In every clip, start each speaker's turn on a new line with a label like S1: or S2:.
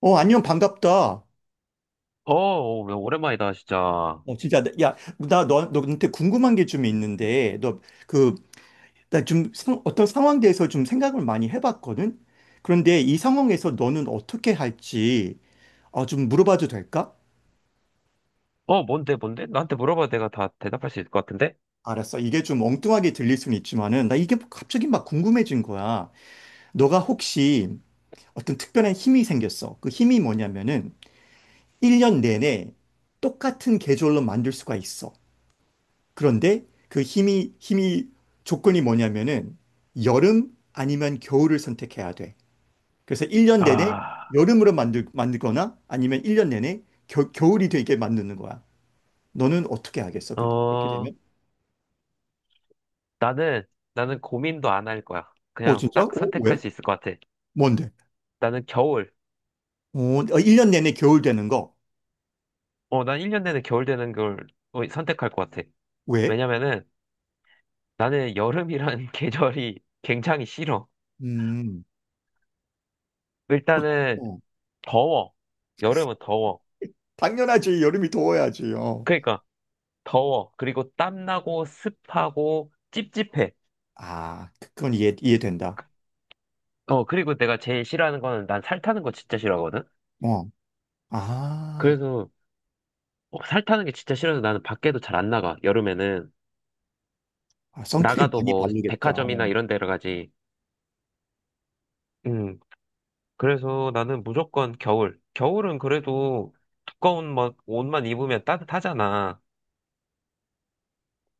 S1: 어, 안녕, 반갑다.
S2: 야, 오랜만이다, 진짜.
S1: 어, 진짜, 야, 나 너한테 궁금한 게 좀 있는데, 너, 그, 나 좀 어떤 상황에 대해서 좀 생각을 많이 해봤거든? 그런데 이 상황에서 너는 어떻게 할지, 좀 물어봐도 될까?
S2: 뭔데, 뭔데? 나한테 물어봐도 내가 다 대답할 수 있을 것 같은데?
S1: 알았어. 이게 좀 엉뚱하게 들릴 수는 있지만은, 나 이게 뭐 갑자기 막 궁금해진 거야. 너가 혹시 어떤 특별한 힘이 생겼어. 그 힘이 뭐냐면은, 1년 내내 똑같은 계절로 만들 수가 있어. 그런데 그 힘이 조건이 뭐냐면은 여름 아니면 겨울을 선택해야 돼. 그래서 1년 내내
S2: 아,
S1: 여름으로 만들거나 아니면 1년 내내 겨울이 되게 만드는 거야. 너는 어떻게 하겠어? 그렇게
S2: 어,
S1: 되면?
S2: 나는, 나는 고민도 안 할 거야.
S1: 어,
S2: 그냥
S1: 진짜? 어,
S2: 딱 선택할
S1: 왜?
S2: 수 있을 것 같아.
S1: 뭔데?
S2: 나는 겨울.
S1: 어, 1년 내내 겨울 되는 거.
S2: 난 1년 내내 겨울 되는 걸 선택할 것 같아.
S1: 왜?
S2: 왜냐면은 나는 여름이라는 계절이 굉장히 싫어.
S1: 음, 어,
S2: 일단은
S1: 어.
S2: 더워. 여름은 더워.
S1: 당연하지. 여름이 더워야지. 어.
S2: 그러니까 더워. 그리고 땀나고 습하고 찝찝해.
S1: 아, 그건 이해된다.
S2: 그리고 내가 제일 싫어하는 거는 난 살 타는 거 진짜 싫어하거든?
S1: 어. 아,
S2: 그래서 살 타는 게 진짜 싫어서 나는 밖에도 잘 안 나가, 여름에는.
S1: 아, 선크림
S2: 나가도
S1: 많이
S2: 뭐
S1: 바르겠다.
S2: 백화점이나
S1: 어.
S2: 이런 데로 가지. 음, 그래서 나는 무조건 겨울. 겨울은 그래도 두꺼운 막 옷만 입으면 따뜻하잖아.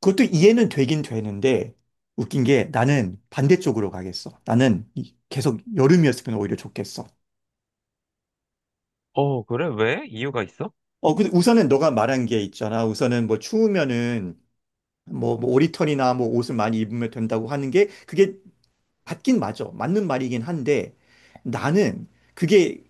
S1: 그것도 이해는 되긴 되는데 웃긴 게 나는 반대쪽으로 가겠어. 나는 계속 여름이었으면 오히려 좋겠어.
S2: 어, 그래? 왜? 이유가 있어?
S1: 어, 근데 우선은 너가 말한 게 있잖아. 우선은 뭐 추우면은 뭐 오리털이나 뭐 옷을 많이 입으면 된다고 하는 게 그게 맞긴 맞아. 맞는 말이긴 한데 나는 그게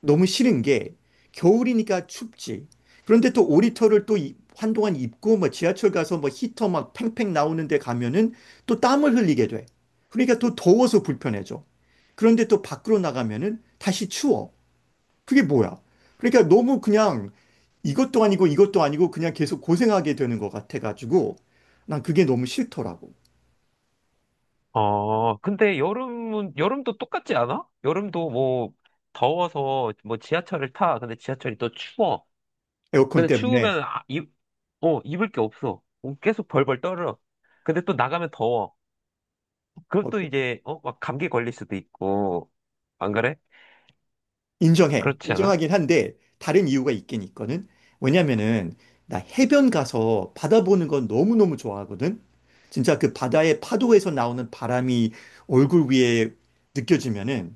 S1: 너무 싫은 게 겨울이니까 춥지. 그런데 또 오리털을 또 한동안 입고 뭐 지하철 가서 뭐 히터 막 팽팽 나오는데 가면은 또 땀을 흘리게 돼. 그러니까 또 더워서 불편해져. 그런데 또 밖으로 나가면은 다시 추워. 그게 뭐야? 그러니까 너무 그냥 이것도 아니고 이것도 아니고 그냥 계속 고생하게 되는 것 같아가지고 난 그게 너무 싫더라고.
S2: 어, 근데 여름은, 여름도 똑같지 않아? 여름도 뭐 더워서 뭐 지하철을 타. 근데 지하철이 또 추워.
S1: 에어컨
S2: 근데
S1: 때문에.
S2: 추우면 입을 게 없어. 계속 벌벌 떨어. 근데 또 나가면 더워.
S1: 어,
S2: 그것도 이제, 막 감기 걸릴 수도 있고. 안 그래?
S1: 인정해.
S2: 그렇지 않아?
S1: 인정하긴 한데 다른 이유가 있긴 있거든. 왜냐면은 나 해변 가서 바다 보는 건 너무너무 좋아하거든. 진짜 그 바다의 파도에서 나오는 바람이 얼굴 위에 느껴지면은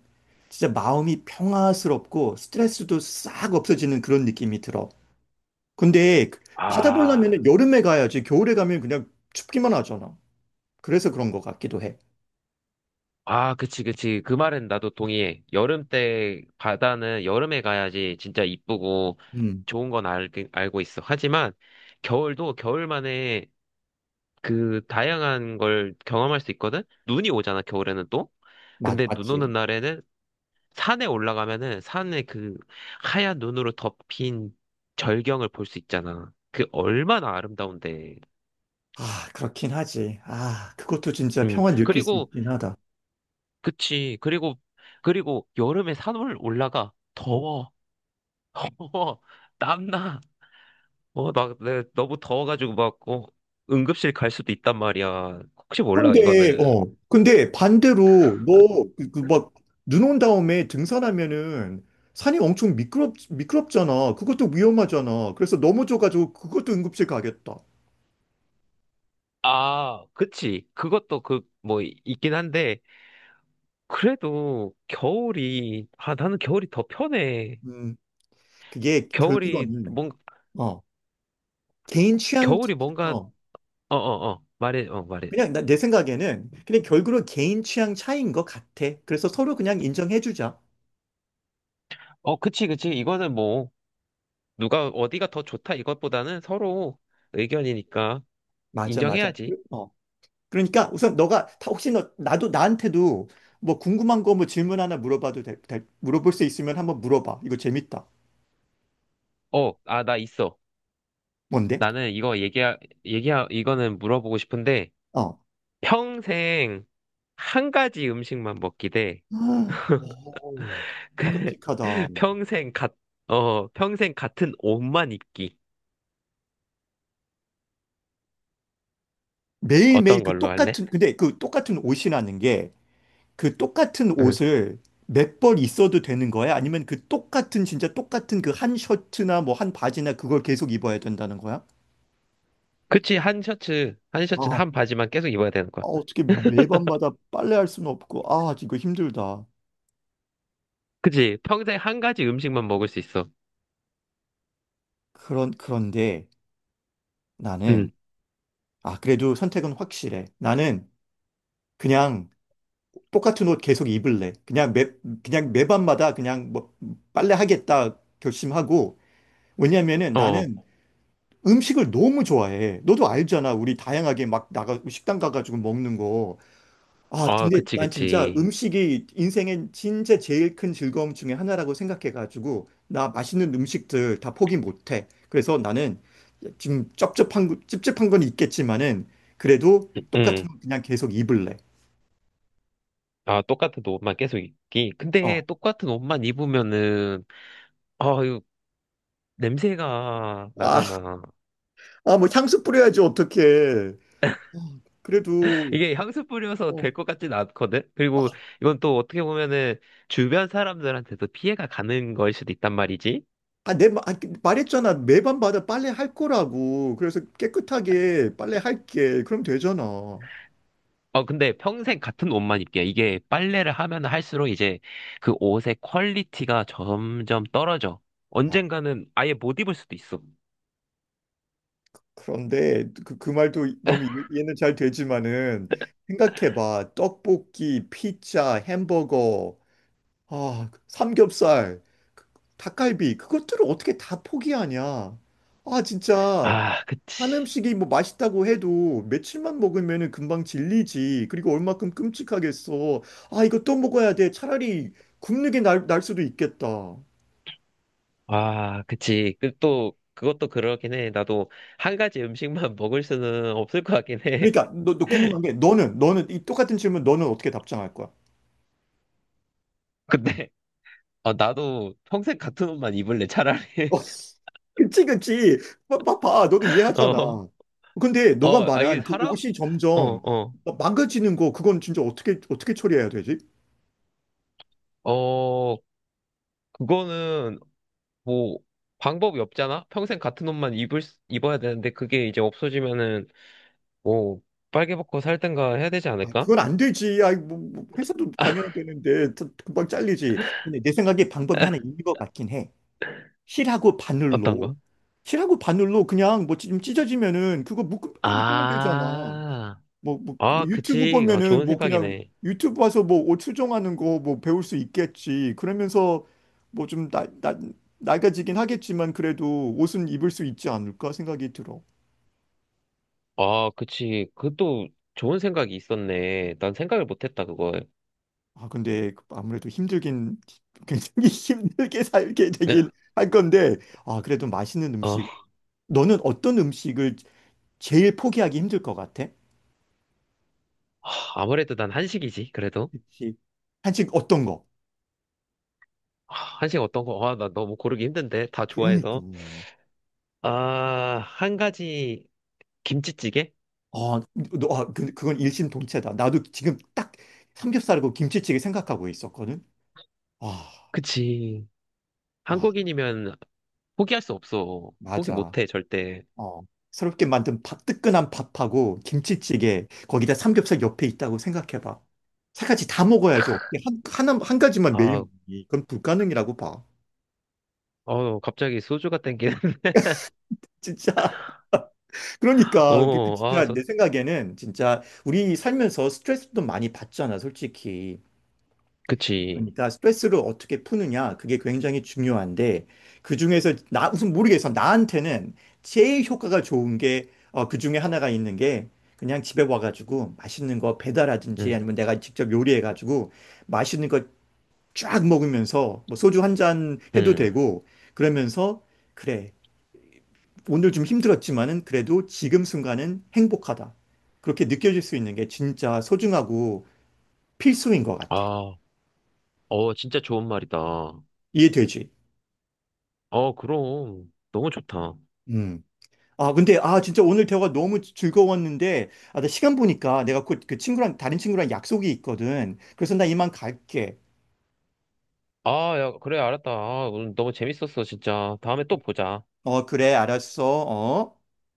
S1: 진짜 마음이 평화스럽고 스트레스도 싹 없어지는 그런 느낌이 들어. 근데 그 바다
S2: 아,
S1: 보려면은 여름에 가야지. 겨울에 가면 그냥 춥기만 하잖아. 그래서 그런 것 같기도 해.
S2: 그치, 그치. 그 말은 나도 동의해. 여름 때 바다는 여름에 가야지 진짜 이쁘고
S1: 음,
S2: 좋은 건 알고 있어. 하지만 겨울도 겨울만의 그 다양한 걸 경험할 수 있거든? 눈이 오잖아, 겨울에는 또.
S1: 맞,
S2: 근데 눈
S1: 맞지.
S2: 오는 날에는 산에 올라가면은 산에 그 하얀 눈으로 덮인 절경을 볼 수 있잖아. 그 얼마나 아름다운데.
S1: 아, 그렇긴 하지. 아, 그것도 진짜
S2: 응.
S1: 평화 느낄 수
S2: 그리고
S1: 있긴 하다.
S2: 그치. 그리고 여름에 산을 올라가 더워. 더워. 땀나. 어, 나 내가 너무 더워가지고 막 응급실 갈 수도 있단 말이야. 혹시 몰라
S1: 근데,
S2: 이거는.
S1: 어, 근데 반대로 너, 그 막, 눈 온 다음에 등산하면은 산이 엄청 미끄럽잖아. 그것도 위험하잖아. 그래서 넘어져가지고 그것도 응급실 가겠다.
S2: 아, 그치. 그것도 그 뭐 이- 있긴 한데 그래도 겨울이 아 나는 겨울이 더 편해.
S1: 음, 그게
S2: 겨울이
S1: 결국은,
S2: 뭔가
S1: 어, 개인 취향,
S2: 겨울이 뭔가,
S1: 어,
S2: 어, 어, 어, 말해, 어, 말해줘.
S1: 그냥 내 생각에는 그냥 결국은 개인 취향 차이인 것 같아. 그래서 서로 그냥 인정해주자.
S2: 어, 그치, 그치. 이거는 뭐, 누가 어디가 더 좋다 이것보다는 서로 의견이니까
S1: 맞아, 맞아.
S2: 인정해야지.
S1: 어. 그러니까 우선 너가 다 혹시 너 나도 나한테도 뭐 궁금한 거 뭐 질문 하나 물어봐도 물어볼 수 있으면 한번 물어봐. 이거 재밌다.
S2: 어, 아, 나 있어.
S1: 뭔데?
S2: 나는 이거 얘기하, 얘기하, 이거는 물어보고 싶은데
S1: 어.
S2: 평생 한 가지 음식만 먹기 대
S1: 오.
S2: 그,
S1: 끔찍하다.
S2: 평생 같, 어, 평생 같은 옷만 입기.
S1: 매일매일
S2: 어떤
S1: 그
S2: 걸로 할래?
S1: 똑같은, 근데 그 똑같은 옷이라는 게 그 똑같은
S2: 응.
S1: 옷을 몇 벌 있어도 되는 거야? 아니면 그 똑같은, 진짜 똑같은 그 한 셔츠나 뭐 한 바지나 그걸 계속 입어야 된다는 거야?
S2: 그치, 한 셔츠, 한 셔츠는
S1: 아,
S2: 한 바지만 계속 입어야 되는
S1: 아,
S2: 거야.
S1: 어떻게 매번마다 빨래할 수는 없고, 아, 이거 힘들다.
S2: 그치? 평생 한 가지 음식만 먹을 수 있어.
S1: 그런데. 나는,
S2: 응,
S1: 아, 그래도 선택은 확실해. 나는 그냥 똑같은 옷 계속 입을래. 그냥 매번마다 그냥 뭐 빨래 하겠다 결심하고. 왜냐면은
S2: 어,
S1: 나는 음식을 너무 좋아해. 너도 알잖아. 우리 다양하게 막 나가, 식당 가가지고 먹는 거. 아,
S2: 아,
S1: 근데
S2: 그치,
S1: 난 진짜
S2: 그치.
S1: 음식이 인생의 진짜 제일 큰 즐거움 중에 하나라고 생각해가지고, 나 맛있는 음식들 다 포기 못해. 그래서 나는 지금 찝찝한 건 있겠지만은, 그래도 똑같은
S2: 응,
S1: 거 그냥 계속 입을래.
S2: 아, 똑같은 옷만 계속 입기. 근데
S1: 어.
S2: 똑같은 옷만 입으면은, 아, 이거 냄새가
S1: 와,
S2: 나잖아.
S1: 아, 뭐 향수 뿌려야지, 어떡해. 어, 그래도,
S2: 이게 향수 뿌려서
S1: 어.
S2: 될 것 같진 않거든? 그리고 이건 또 어떻게 보면은 주변 사람들한테도 피해가 가는 걸 수도 있단 말이지.
S1: 아, 아, 말했잖아. 매번마다 빨래 할 거라고. 그래서 깨끗하게 빨래 할게. 그럼 되잖아.
S2: 어, 근데 평생 같은 옷만 입게. 이게 빨래를 하면 할수록 이제 그 옷의 퀄리티가 점점 떨어져. 언젠가는 아예 못 입을 수도 있어.
S1: 그런데 그 말도 너무 이해는 잘 되지만은 생각해봐. 떡볶이, 피자, 햄버거, 아, 삼겹살, 닭갈비 그것들을 어떻게 다 포기하냐? 아, 진짜
S2: 아,
S1: 한
S2: 그치.
S1: 음식이 뭐 맛있다고 해도 며칠만 먹으면은 금방 질리지. 그리고 얼마큼 끔찍하겠어. 아, 이거 또 먹어야 돼. 차라리 굶는 게 날 수도 있겠다.
S2: 아, 그치. 또, 그것도 그러긴 해. 나도 한 가지 음식만 먹을 수는 없을 것 같긴 해.
S1: 그러니까 너 궁금한 게 너는 이 똑같은 질문 너는 어떻게 답장할 거야?
S2: 근데, 나도 평생 같은 옷만 입을래, 차라리.
S1: 그치, 그치. 봐, 봐, 봐. 너도
S2: 어,
S1: 이해하잖아. 근데 너가
S2: 어, 아, 이게
S1: 말한 그
S2: 사람,
S1: 옷이
S2: 어,
S1: 점점
S2: 어,
S1: 망가지는 거, 그건 진짜 어떻게 처리해야 되지?
S2: 어, 그거는 뭐, 방법이 없잖아? 평생 같은 옷만 입어야 되는데, 그게 이제 없어지면은, 뭐, 빨개 벗고 살든가 해야 되지
S1: 아,
S2: 않을까?
S1: 그건 안 되지. 아이, 뭐 회사도 다녀야 되는데, 금방 잘리지. 근데 내 생각에 방법이 하나 있는 것 같긴 해. 실하고 바늘로.
S2: 어떤가?
S1: 실하고 바늘로 그냥 뭐 찢어지면은 그거 묶으면 되잖아. 뭐,
S2: 아,
S1: 뭐, 뭐 유튜브
S2: 그치. 아,
S1: 보면은
S2: 좋은
S1: 뭐 그냥
S2: 생각이네.
S1: 유튜브 와서 뭐 옷 수정하는 거 뭐 배울 수 있겠지. 그러면서 뭐 좀 낡아지긴 하겠지만 그래도 옷은 입을 수 있지 않을까 생각이 들어.
S2: 아, 그치. 그것도 좋은 생각이 있었네. 난 생각을 못했다, 그걸.
S1: 아, 근데 아무래도 힘들긴 굉장히 힘들게 살게
S2: 네.
S1: 되긴 할 건데 아, 그래도 맛있는
S2: 어,
S1: 음식. 너는 어떤 음식을 제일 포기하기 힘들 것 같아?
S2: 아무래도 난 한식이지, 그래도.
S1: 그치. 한식 어떤 거?
S2: 한식 어떤 거? 아, 나 너무 고르기 힘든데. 다
S1: 그러니까.
S2: 좋아해서. 아, 한 가지, 김치찌개?
S1: 어, 너, 아, 그건 일심동체다. 나도 지금 딱 삼겹살하고 김치찌개 생각하고 있었거든. 와
S2: 그치.
S1: 와,
S2: 한국인이면 포기할 수 없어. 포기
S1: 맞아.
S2: 못해, 절대.
S1: 어, 새롭게 만든 밥, 뜨끈한 밥하고 김치찌개, 거기다 삼겹살 옆에 있다고 생각해봐. 세 가지 다 먹어야죠. 어떻게 한 가지만 매일
S2: 아,
S1: 먹니. 그건 불가능이라고 봐.
S2: 갑자기 소주가 땡기는.
S1: 진짜. 그러니까, 그
S2: 어, 아,
S1: 진짜
S2: 소,
S1: 내 생각에는 진짜 우리 살면서 스트레스도 많이 받잖아, 솔직히.
S2: 그치.
S1: 그러니까 스트레스를 어떻게 푸느냐 그게 굉장히 중요한데, 그중에서 나 무슨 모르겠어, 나한테는 제일 효과가 좋은 게, 어, 그중에 하나가 있는 게 그냥 집에 와가지고 맛있는 거 배달하든지
S2: 응,
S1: 아니면 내가 직접 요리해가지고 맛있는 거 쫙 먹으면서 뭐 소주 한 잔 해도
S2: 응.
S1: 되고, 그러면서 그래, 오늘 좀 힘들었지만은 그래도 지금 순간은 행복하다 그렇게 느껴질 수 있는 게 진짜 소중하고 필수인 것 같아.
S2: 아, 진짜 좋은 말이다. 어,
S1: 이해되지?
S2: 그럼. 너무 좋다.
S1: 음. 아, 근데, 아, 진짜 오늘 대화가 너무 즐거웠는데, 아, 나 시간 보니까 내가 곧 그 친구랑, 다른 친구랑 약속이 있거든. 그래서 나 이만 갈게.
S2: 아, 야, 그래, 알았다. 아, 오늘 너무 재밌었어, 진짜. 다음에 또 보자.
S1: 어, 그래, 알았어. 어.